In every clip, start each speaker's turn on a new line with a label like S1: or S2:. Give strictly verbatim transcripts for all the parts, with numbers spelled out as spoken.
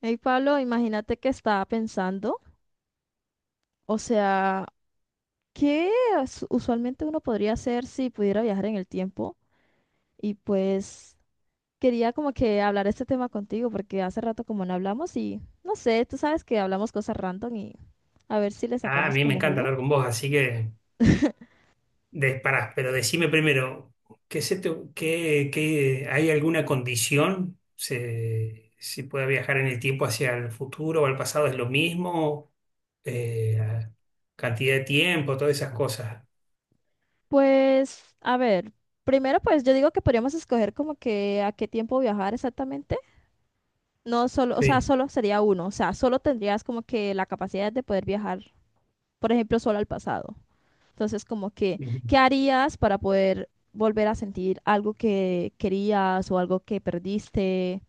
S1: Hey Pablo, imagínate que estaba pensando, o sea, ¿qué as- usualmente uno podría hacer si pudiera viajar en el tiempo? Y pues quería como que hablar este tema contigo porque hace rato como no hablamos y no sé, tú sabes que hablamos cosas random y a ver si le
S2: Ah, a
S1: sacamos
S2: mí me
S1: como
S2: encanta
S1: jugo.
S2: hablar con vos, así que disparás, pero decime primero, ¿qué se te- qué- qué- ¿hay alguna condición? ¿Se, si puede viajar en el tiempo hacia el futuro o al pasado? ¿Es lo mismo? Eh, Cantidad de tiempo, todas esas cosas.
S1: Pues, a ver, primero pues yo digo que podríamos escoger como que a qué tiempo viajar exactamente. No solo, o sea,
S2: Sí.
S1: solo sería uno, o sea, solo tendrías como que la capacidad de poder viajar, por ejemplo, solo al pasado. Entonces, como que,
S2: Ujú.
S1: ¿qué harías para poder volver a sentir algo que querías o algo que perdiste?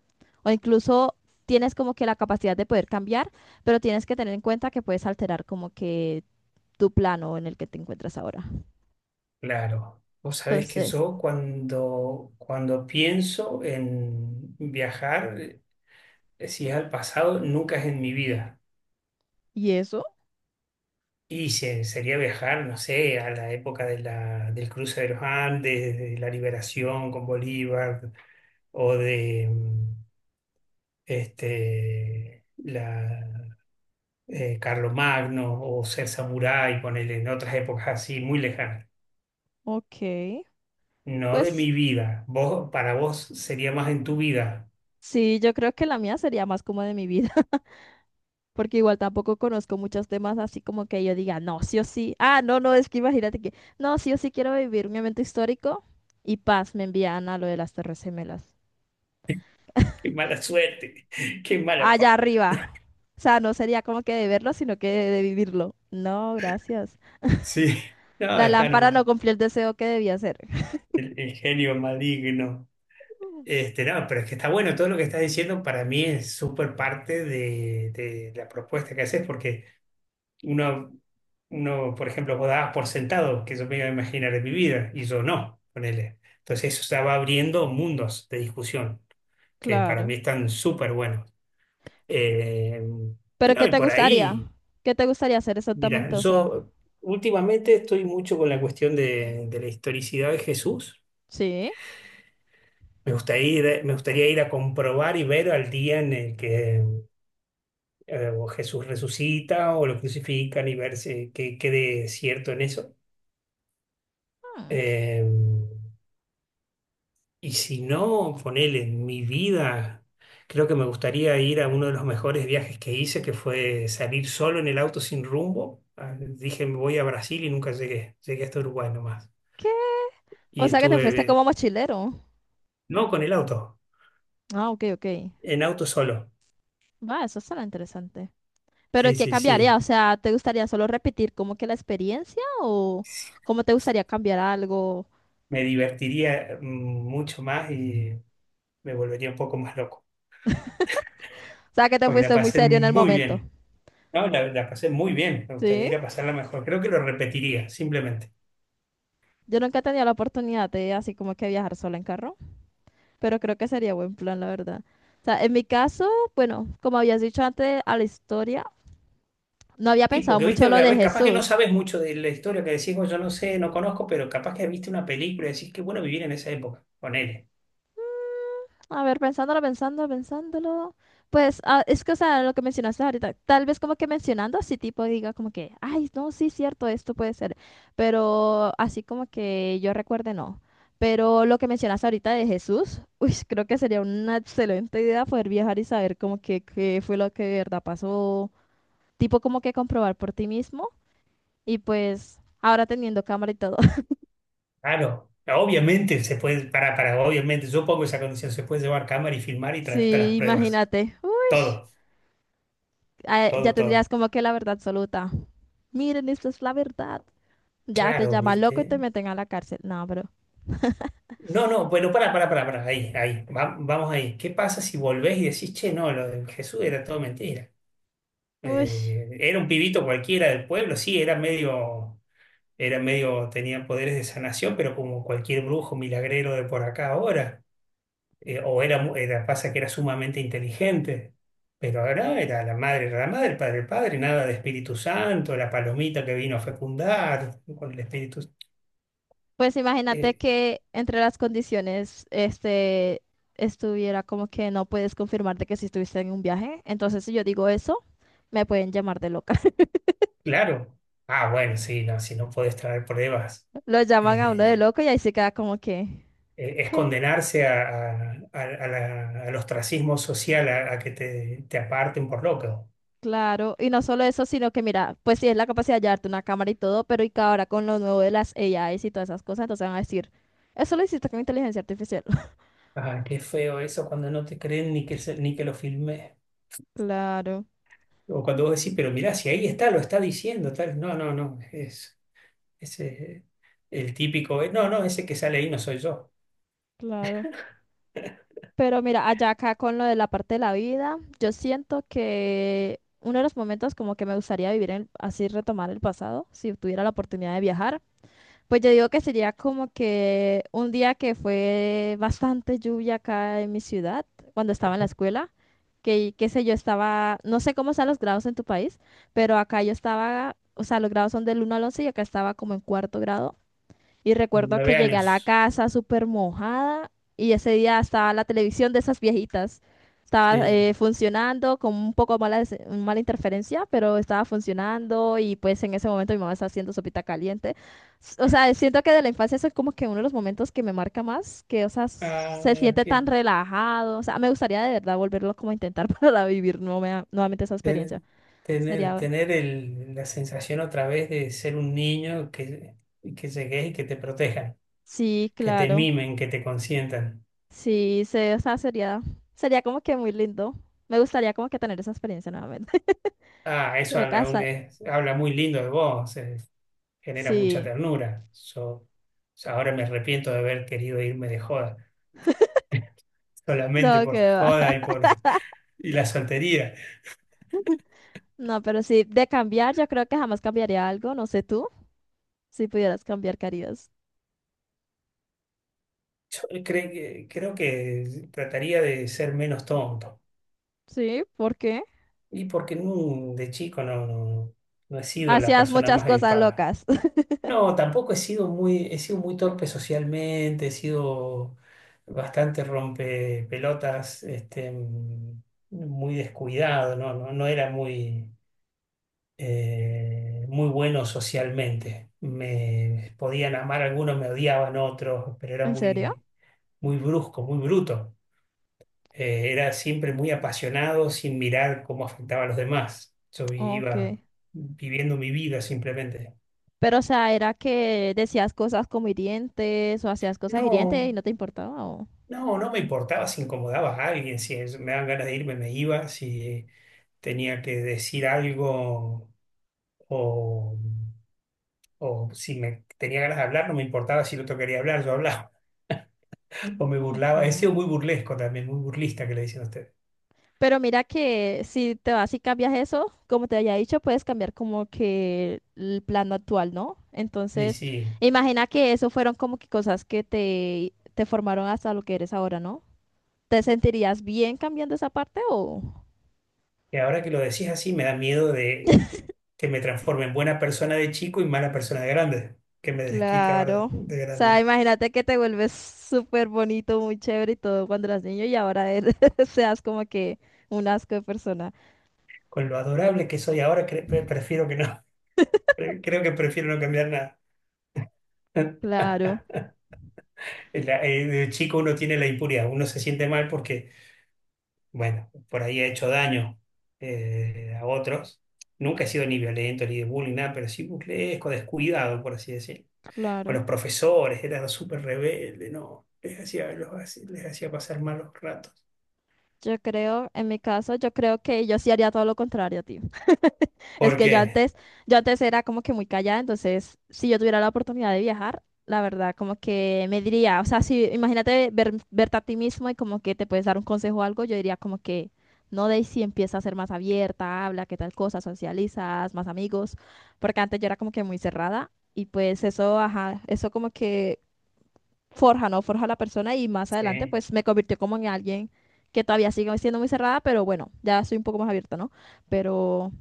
S1: O incluso tienes como que la capacidad de poder cambiar, pero tienes que tener en cuenta que puedes alterar como que tu plano en el que te encuentras ahora.
S2: Claro. Vos sabés que
S1: Entonces,
S2: yo cuando, cuando pienso en viajar, eh, si es al pasado, nunca es en mi vida.
S1: ¿y eso?
S2: Y se- sería viajar, no sé, a la época de la, del cruce de los Andes, de la liberación con Bolívar, o de mm, este, la, eh, Carlomagno, o ser samurái, ponerle en otras épocas así, muy lejanas.
S1: Ok.
S2: No de
S1: Pues
S2: mi vida. Vos, para vos sería más en tu vida.
S1: sí, yo creo que la mía sería más como de mi vida. Porque igual tampoco conozco muchos temas así como que yo diga, no, sí o sí. Ah, no, no, es que imagínate que, no, sí o sí quiero vivir un evento histórico y paz, me envían a lo de las Torres Gemelas.
S2: Qué mala suerte, qué mala
S1: Allá
S2: pata.
S1: arriba. O sea, no sería como que de verlo, sino que de, de vivirlo. No, gracias.
S2: Sí, no,
S1: La
S2: dejá
S1: lámpara no
S2: nomás.
S1: cumplió el deseo que debía hacer.
S2: El, el genio maligno. Este, no, pero es que está bueno todo lo que estás diciendo. Para mí es súper parte de, de la propuesta que haces, porque uno, uno, por ejemplo, vos dabas por sentado que yo me iba a imaginar en mi vida y yo no, ponele. Entonces eso se va abriendo mundos de discusión que para
S1: Claro.
S2: mí están súper buenos. Eh,
S1: Pero
S2: no,
S1: ¿qué
S2: y
S1: te
S2: por
S1: gustaría?
S2: ahí,
S1: ¿Qué te gustaría hacer
S2: mira,
S1: exactamente? O sea,
S2: yo últimamente estoy mucho con la cuestión de, de la historicidad de Jesús.
S1: ¿sí?
S2: Me gustaría ir, Me gustaría ir a comprobar y ver al día en el que eh, o Jesús resucita o lo crucifican y ver si- qué quede cierto en eso.
S1: Hmm.
S2: Eh, y si no, ponele, en mi vida, creo que me gustaría ir a uno de los mejores viajes que hice, que fue salir solo en el auto sin rumbo. Ah, dije, me voy a Brasil y nunca llegué. Llegué hasta Uruguay nomás.
S1: ¿Qué? O
S2: Y
S1: sea, que te fuiste
S2: estuve,
S1: como mochilero.
S2: no con el auto,
S1: Ah, ok, ok.
S2: en auto solo.
S1: Va, eso será interesante. Pero
S2: Sí,
S1: ¿qué
S2: sí,
S1: cambiaría? O
S2: sí.
S1: sea, ¿te gustaría solo repetir como que la experiencia o cómo te gustaría cambiar algo? O
S2: Me divertiría mm, mucho más y me volvería un poco más loco,
S1: sea, que te
S2: porque la
S1: fuiste muy
S2: pasé
S1: serio en el
S2: muy
S1: momento.
S2: bien. No, la, la pasé muy bien, me gustaría
S1: Sí.
S2: ir a pasarla mejor. Creo que lo repetiría, simplemente.
S1: Yo nunca he tenido la oportunidad de así como que viajar sola en carro, pero creo que sería buen plan, la verdad. O sea, en mi caso, bueno, como habías dicho antes a la historia, no había
S2: Sí,
S1: pensado
S2: porque viste,
S1: mucho
S2: a
S1: lo de
S2: ver, capaz que no
S1: Jesús.
S2: sabes mucho de la historia, que decís, "Oh, yo no sé, no conozco", pero capaz que viste una película y decís, qué bueno vivir en esa época. Ponele.
S1: A ver, pensándolo, pensándolo, pensándolo. Pues ah, es que, o sea, lo que mencionaste ahorita, tal vez como que mencionando así tipo diga como que, ay, no, sí, cierto, esto puede ser, pero así como que yo recuerde no. Pero lo que mencionaste ahorita de Jesús, uy, creo que sería una excelente idea poder viajar y saber como que qué fue lo que de verdad pasó, tipo como que comprobar por ti mismo y pues ahora teniendo cámara y todo.
S2: Claro, obviamente se puede, para, para, obviamente, yo pongo esa condición, se puede llevar cámara y filmar y traerte
S1: Sí,
S2: las pruebas.
S1: imagínate, uy,
S2: Todo,
S1: ah, ya
S2: todo, todo.
S1: tendrías como que la verdad absoluta. Miren, esta es la verdad. Ya te
S2: Claro,
S1: llaman loco y
S2: viste.
S1: te meten a la cárcel. No, bro.
S2: No, no, bueno, para, para, para, para, ahí, ahí, va- vamos ahí. ¿Qué pasa si volvés y decís, che, no, lo de Jesús era todo mentira?
S1: Uy,
S2: Eh, era un pibito cualquiera del pueblo, sí, era medio, era medio, tenía poderes de sanación, pero como cualquier brujo milagrero de por acá ahora, eh, o era, mu- era, pasa que era sumamente inteligente, pero ahora era la madre, era la madre, el padre, el padre, nada de Espíritu Santo, la palomita que vino a fecundar con el Espíritu.
S1: pues imagínate
S2: eh,
S1: que entre las condiciones, este, estuviera como que no puedes confirmarte que si estuviste en un viaje. Entonces, si yo digo eso, me pueden llamar de loca.
S2: claro, ah, bueno, sí, no, si no podés traer pruebas.
S1: Lo llaman a uno de
S2: eh,
S1: loco y ahí se queda como que,
S2: eh, es
S1: ¿qué?
S2: condenarse a, a- a- a la- al ostracismo social, a, a que te, te aparten por loco.
S1: Claro, y no solo eso, sino que mira, pues sí es la capacidad de llevarte una cámara y todo, pero y que ahora con lo nuevo de las A Is y todas esas cosas, entonces van a decir, eso lo hiciste con inteligencia artificial.
S2: Ah, qué feo eso cuando no te creen ni que, se- ni que lo filmé.
S1: Claro,
S2: O cuando vos decís, pero mirá, si ahí está, lo está diciendo, tal. No, no, no, es ese el típico, eh, no, no, ese que sale ahí no soy yo.
S1: claro. Pero mira, allá acá con lo de la parte de la vida, yo siento que uno de los momentos como que me gustaría vivir en, así retomar el pasado, si tuviera la oportunidad de viajar, pues yo digo que sería como que un día que fue bastante lluvia acá en mi ciudad, cuando estaba en la escuela, que qué sé yo, estaba, no sé cómo están los grados en tu país, pero acá yo estaba, o sea, los grados son del uno al once y acá estaba como en cuarto grado. Y
S2: Tengo
S1: recuerdo que
S2: Nueve
S1: llegué a la
S2: años.
S1: casa súper mojada y ese día estaba la televisión de esas viejitas. Estaba
S2: Sí.
S1: eh, funcionando con un poco mala, des- mala interferencia, pero estaba funcionando y pues en ese momento mi mamá estaba haciendo sopita caliente. S- O sea, siento que de la infancia eso es como que uno de los momentos que me marca más, que o sea, s- se
S2: Ah,
S1: siente tan
S2: que
S1: relajado. O sea, me gustaría de verdad volverlo como a intentar para vivir nueva- nuevamente esa
S2: te-
S1: experiencia.
S2: tener,
S1: Sería,
S2: tener el- la sensación otra vez de ser un niño, que, que llegues y que te protejan.
S1: sí,
S2: Que te
S1: claro.
S2: mimen, que te consientan.
S1: Sí, se, o sea, sería, sería como que muy lindo. Me gustaría como que tener esa experiencia nuevamente.
S2: Ah, eso
S1: Creo que
S2: habla, un-
S1: hasta,
S2: es- habla muy lindo de vos, eh, genera mucha
S1: sí,
S2: ternura. Yo O sea, ahora me arrepiento de haber querido irme de joda, solamente
S1: no, que
S2: por la joda
S1: va.
S2: y por y la soltería.
S1: No, pero sí, de cambiar, yo creo que jamás cambiaría algo. No sé tú, si pudieras cambiar, ¿qué harías?
S2: Yo cre- que- creo que trataría de ser menos tonto.
S1: Sí, ¿por qué?
S2: Y porque mm, de chico no, no, no he sido la
S1: Hacías
S2: persona
S1: muchas
S2: más
S1: cosas
S2: avispada.
S1: locas.
S2: No, tampoco he sido muy, he sido muy torpe socialmente, he sido bastante rompepelotas, este, mm, muy descuidado, no, no, no era muy, eh, muy bueno socialmente. Me podían amar algunos, me odiaban otros, pero era
S1: ¿En serio?
S2: muy, muy brusco, muy bruto. Eh, era siempre muy apasionado sin mirar cómo afectaba a los demás. Yo iba
S1: Ok.
S2: viviendo mi vida simplemente.
S1: Pero, o sea, era que decías cosas como hirientes o hacías cosas hirientes y
S2: No,
S1: no te importaba. o-
S2: no, no me importaba si incomodaba a alguien, si es- me daban ganas de irme, me iba, si tenía que decir algo o, o si me tenía ganas de hablar, no me importaba si el otro quería hablar, yo hablaba o me
S1: Ok.
S2: burlaba. He sido muy burlesco también, muy burlista, que le dicen a usted.
S1: Pero mira que si te vas y cambias eso, como te había dicho, puedes cambiar como que el plano actual, ¿no?
S2: Sí,
S1: Entonces,
S2: sí.
S1: imagina que eso fueron como que cosas que te, te formaron hasta lo que eres ahora, ¿no? ¿Te sentirías bien cambiando esa parte o...?
S2: Y ahora que lo decís así, me da miedo de que me transforme en buena persona de chico y mala persona de grande, que me desquite
S1: Claro.
S2: ahora
S1: O
S2: de
S1: sea,
S2: grande.
S1: imagínate que te vuelves súper bonito, muy chévere y todo cuando eras niño y ahora eres, seas como que un asco de persona.
S2: Con lo adorable que soy ahora, cre- pre- prefiero que no. Creo que prefiero no cambiar nada.
S1: Claro,
S2: La- eh, de chico uno tiene la impuridad, uno se siente mal porque, bueno, por ahí ha hecho daño eh, a otros. Nunca he sido ni violento ni de bullying, nada, pero sí burlesco, descuidado, por así decirlo. Con
S1: claro.
S2: los profesores, era súper rebelde, no, les hacía, los hac- les hacía pasar malos ratos.
S1: Yo creo, en mi caso, yo creo que yo sí haría todo lo contrario, tío. Es
S2: ¿Por
S1: que yo
S2: qué?
S1: antes, yo antes era como que muy callada, entonces si yo tuviera la oportunidad de viajar, la verdad, como que me diría, o sea, si imagínate ver, verte a ti mismo y como que te puedes dar un consejo o algo, yo diría como que, no, Daisy, empieza a ser más abierta, habla, qué tal cosa, socializas, más amigos, porque antes yo era como que muy cerrada y pues eso, ajá, eso como que forja, ¿no? Forja a la persona y más adelante
S2: Sí.
S1: pues me convirtió como en alguien que todavía sigue siendo muy cerrada, pero bueno, ya soy un poco más abierta, ¿no? Pero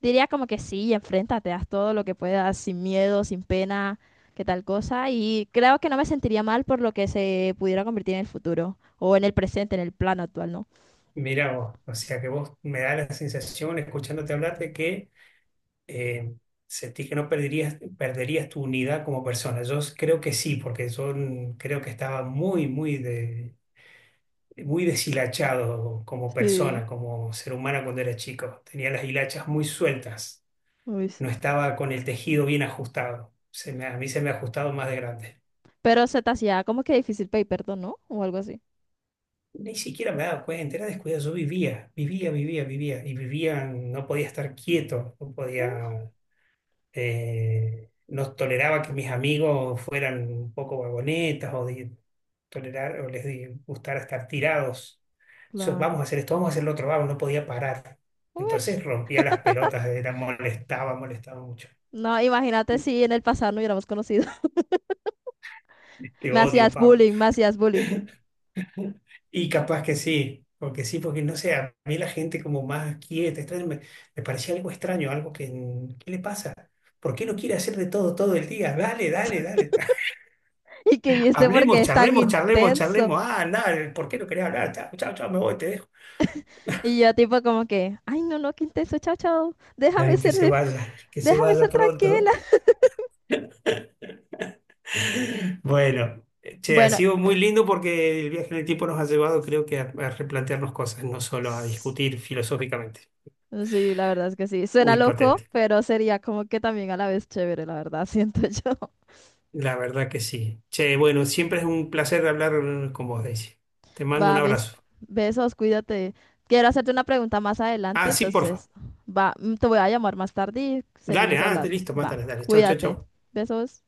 S1: diría como que sí, enfréntate, haz todo lo que puedas, sin miedo, sin pena, que tal cosa. Y creo que no me sentiría mal por lo que se pudiera convertir en el futuro o en el presente, en el plano actual, ¿no?
S2: Mira vos, o sea que vos me da la sensación, escuchándote hablar, de que eh, ¿sentís que no perderías, perderías tu unidad como persona? Yo creo que sí, porque yo mm, creo que estaba muy, muy, de, muy deshilachado como
S1: Sí,
S2: persona, como ser humano cuando era chico. Tenía las hilachas muy sueltas,
S1: uy.
S2: no estaba con el tejido bien ajustado. Se me- a mí se me ha ajustado más de grande.
S1: Pero se te hacía como que difícil pedir perdón, ¿no? O algo así.
S2: Ni siquiera me daba cuenta, era descuidado. Yo vivía, vivía, vivía, vivía. Y vivía, no podía estar quieto, no
S1: Uh,
S2: podía. Eh, no toleraba que mis amigos fueran un poco vagonetas o de tolerar o les de- gustara estar tirados. So, vamos
S1: plano.
S2: a hacer esto, vamos a hacer lo otro, vamos, no podía parar.
S1: Uy.
S2: Entonces rompía las pelotas, era molestaba, molestaba mucho.
S1: No, imagínate si en el pasado no hubiéramos conocido.
S2: Te
S1: Me
S2: odio,
S1: hacías
S2: Pablo.
S1: bullying, me hacías bullying.
S2: Y capaz que sí, porque sí, porque no sé, a mí la gente como más quieta, extraña, me me parecía algo extraño, algo que, ¿qué le pasa? ¿Por qué no quiere hacer de todo todo el día? Dale, dale, dale.
S1: Y que yo este
S2: Hablemos,
S1: porque es tan
S2: charlemos, charlemos,
S1: intenso.
S2: charlemos. Ah, nada, ¿por qué no quería hablar? Chao, chao, chao, me voy, te dejo.
S1: Y yo tipo como que, ay, no, no, qué intenso, chao, chao. Déjame
S2: Ay, que
S1: ser,
S2: se vaya, que se
S1: déjame
S2: vaya
S1: ser
S2: pronto.
S1: tranquila.
S2: Bueno, che, ha
S1: Bueno,
S2: sido muy lindo, porque el viaje en el tiempo nos ha llevado, creo que, a, a replantearnos cosas, no solo a
S1: s-
S2: discutir filosóficamente
S1: sí, la verdad es que sí.
S2: o
S1: Suena loco,
S2: hipotético.
S1: pero sería como que también a la vez chévere, la verdad, siento yo.
S2: La verdad que sí. Che, bueno, siempre es un placer hablar con vos, Daisy. Te mando un
S1: Va, bes-
S2: abrazo.
S1: besos, cuídate. Quiero hacerte una pregunta más adelante,
S2: Ah, sí, porfa.
S1: entonces, va, mm, te voy a llamar más tarde y
S2: Dale,
S1: seguimos
S2: ah,
S1: hablando.
S2: listo,
S1: Va,
S2: mátala, dale. Chau, chau,
S1: cuídate.
S2: chau.
S1: Besos.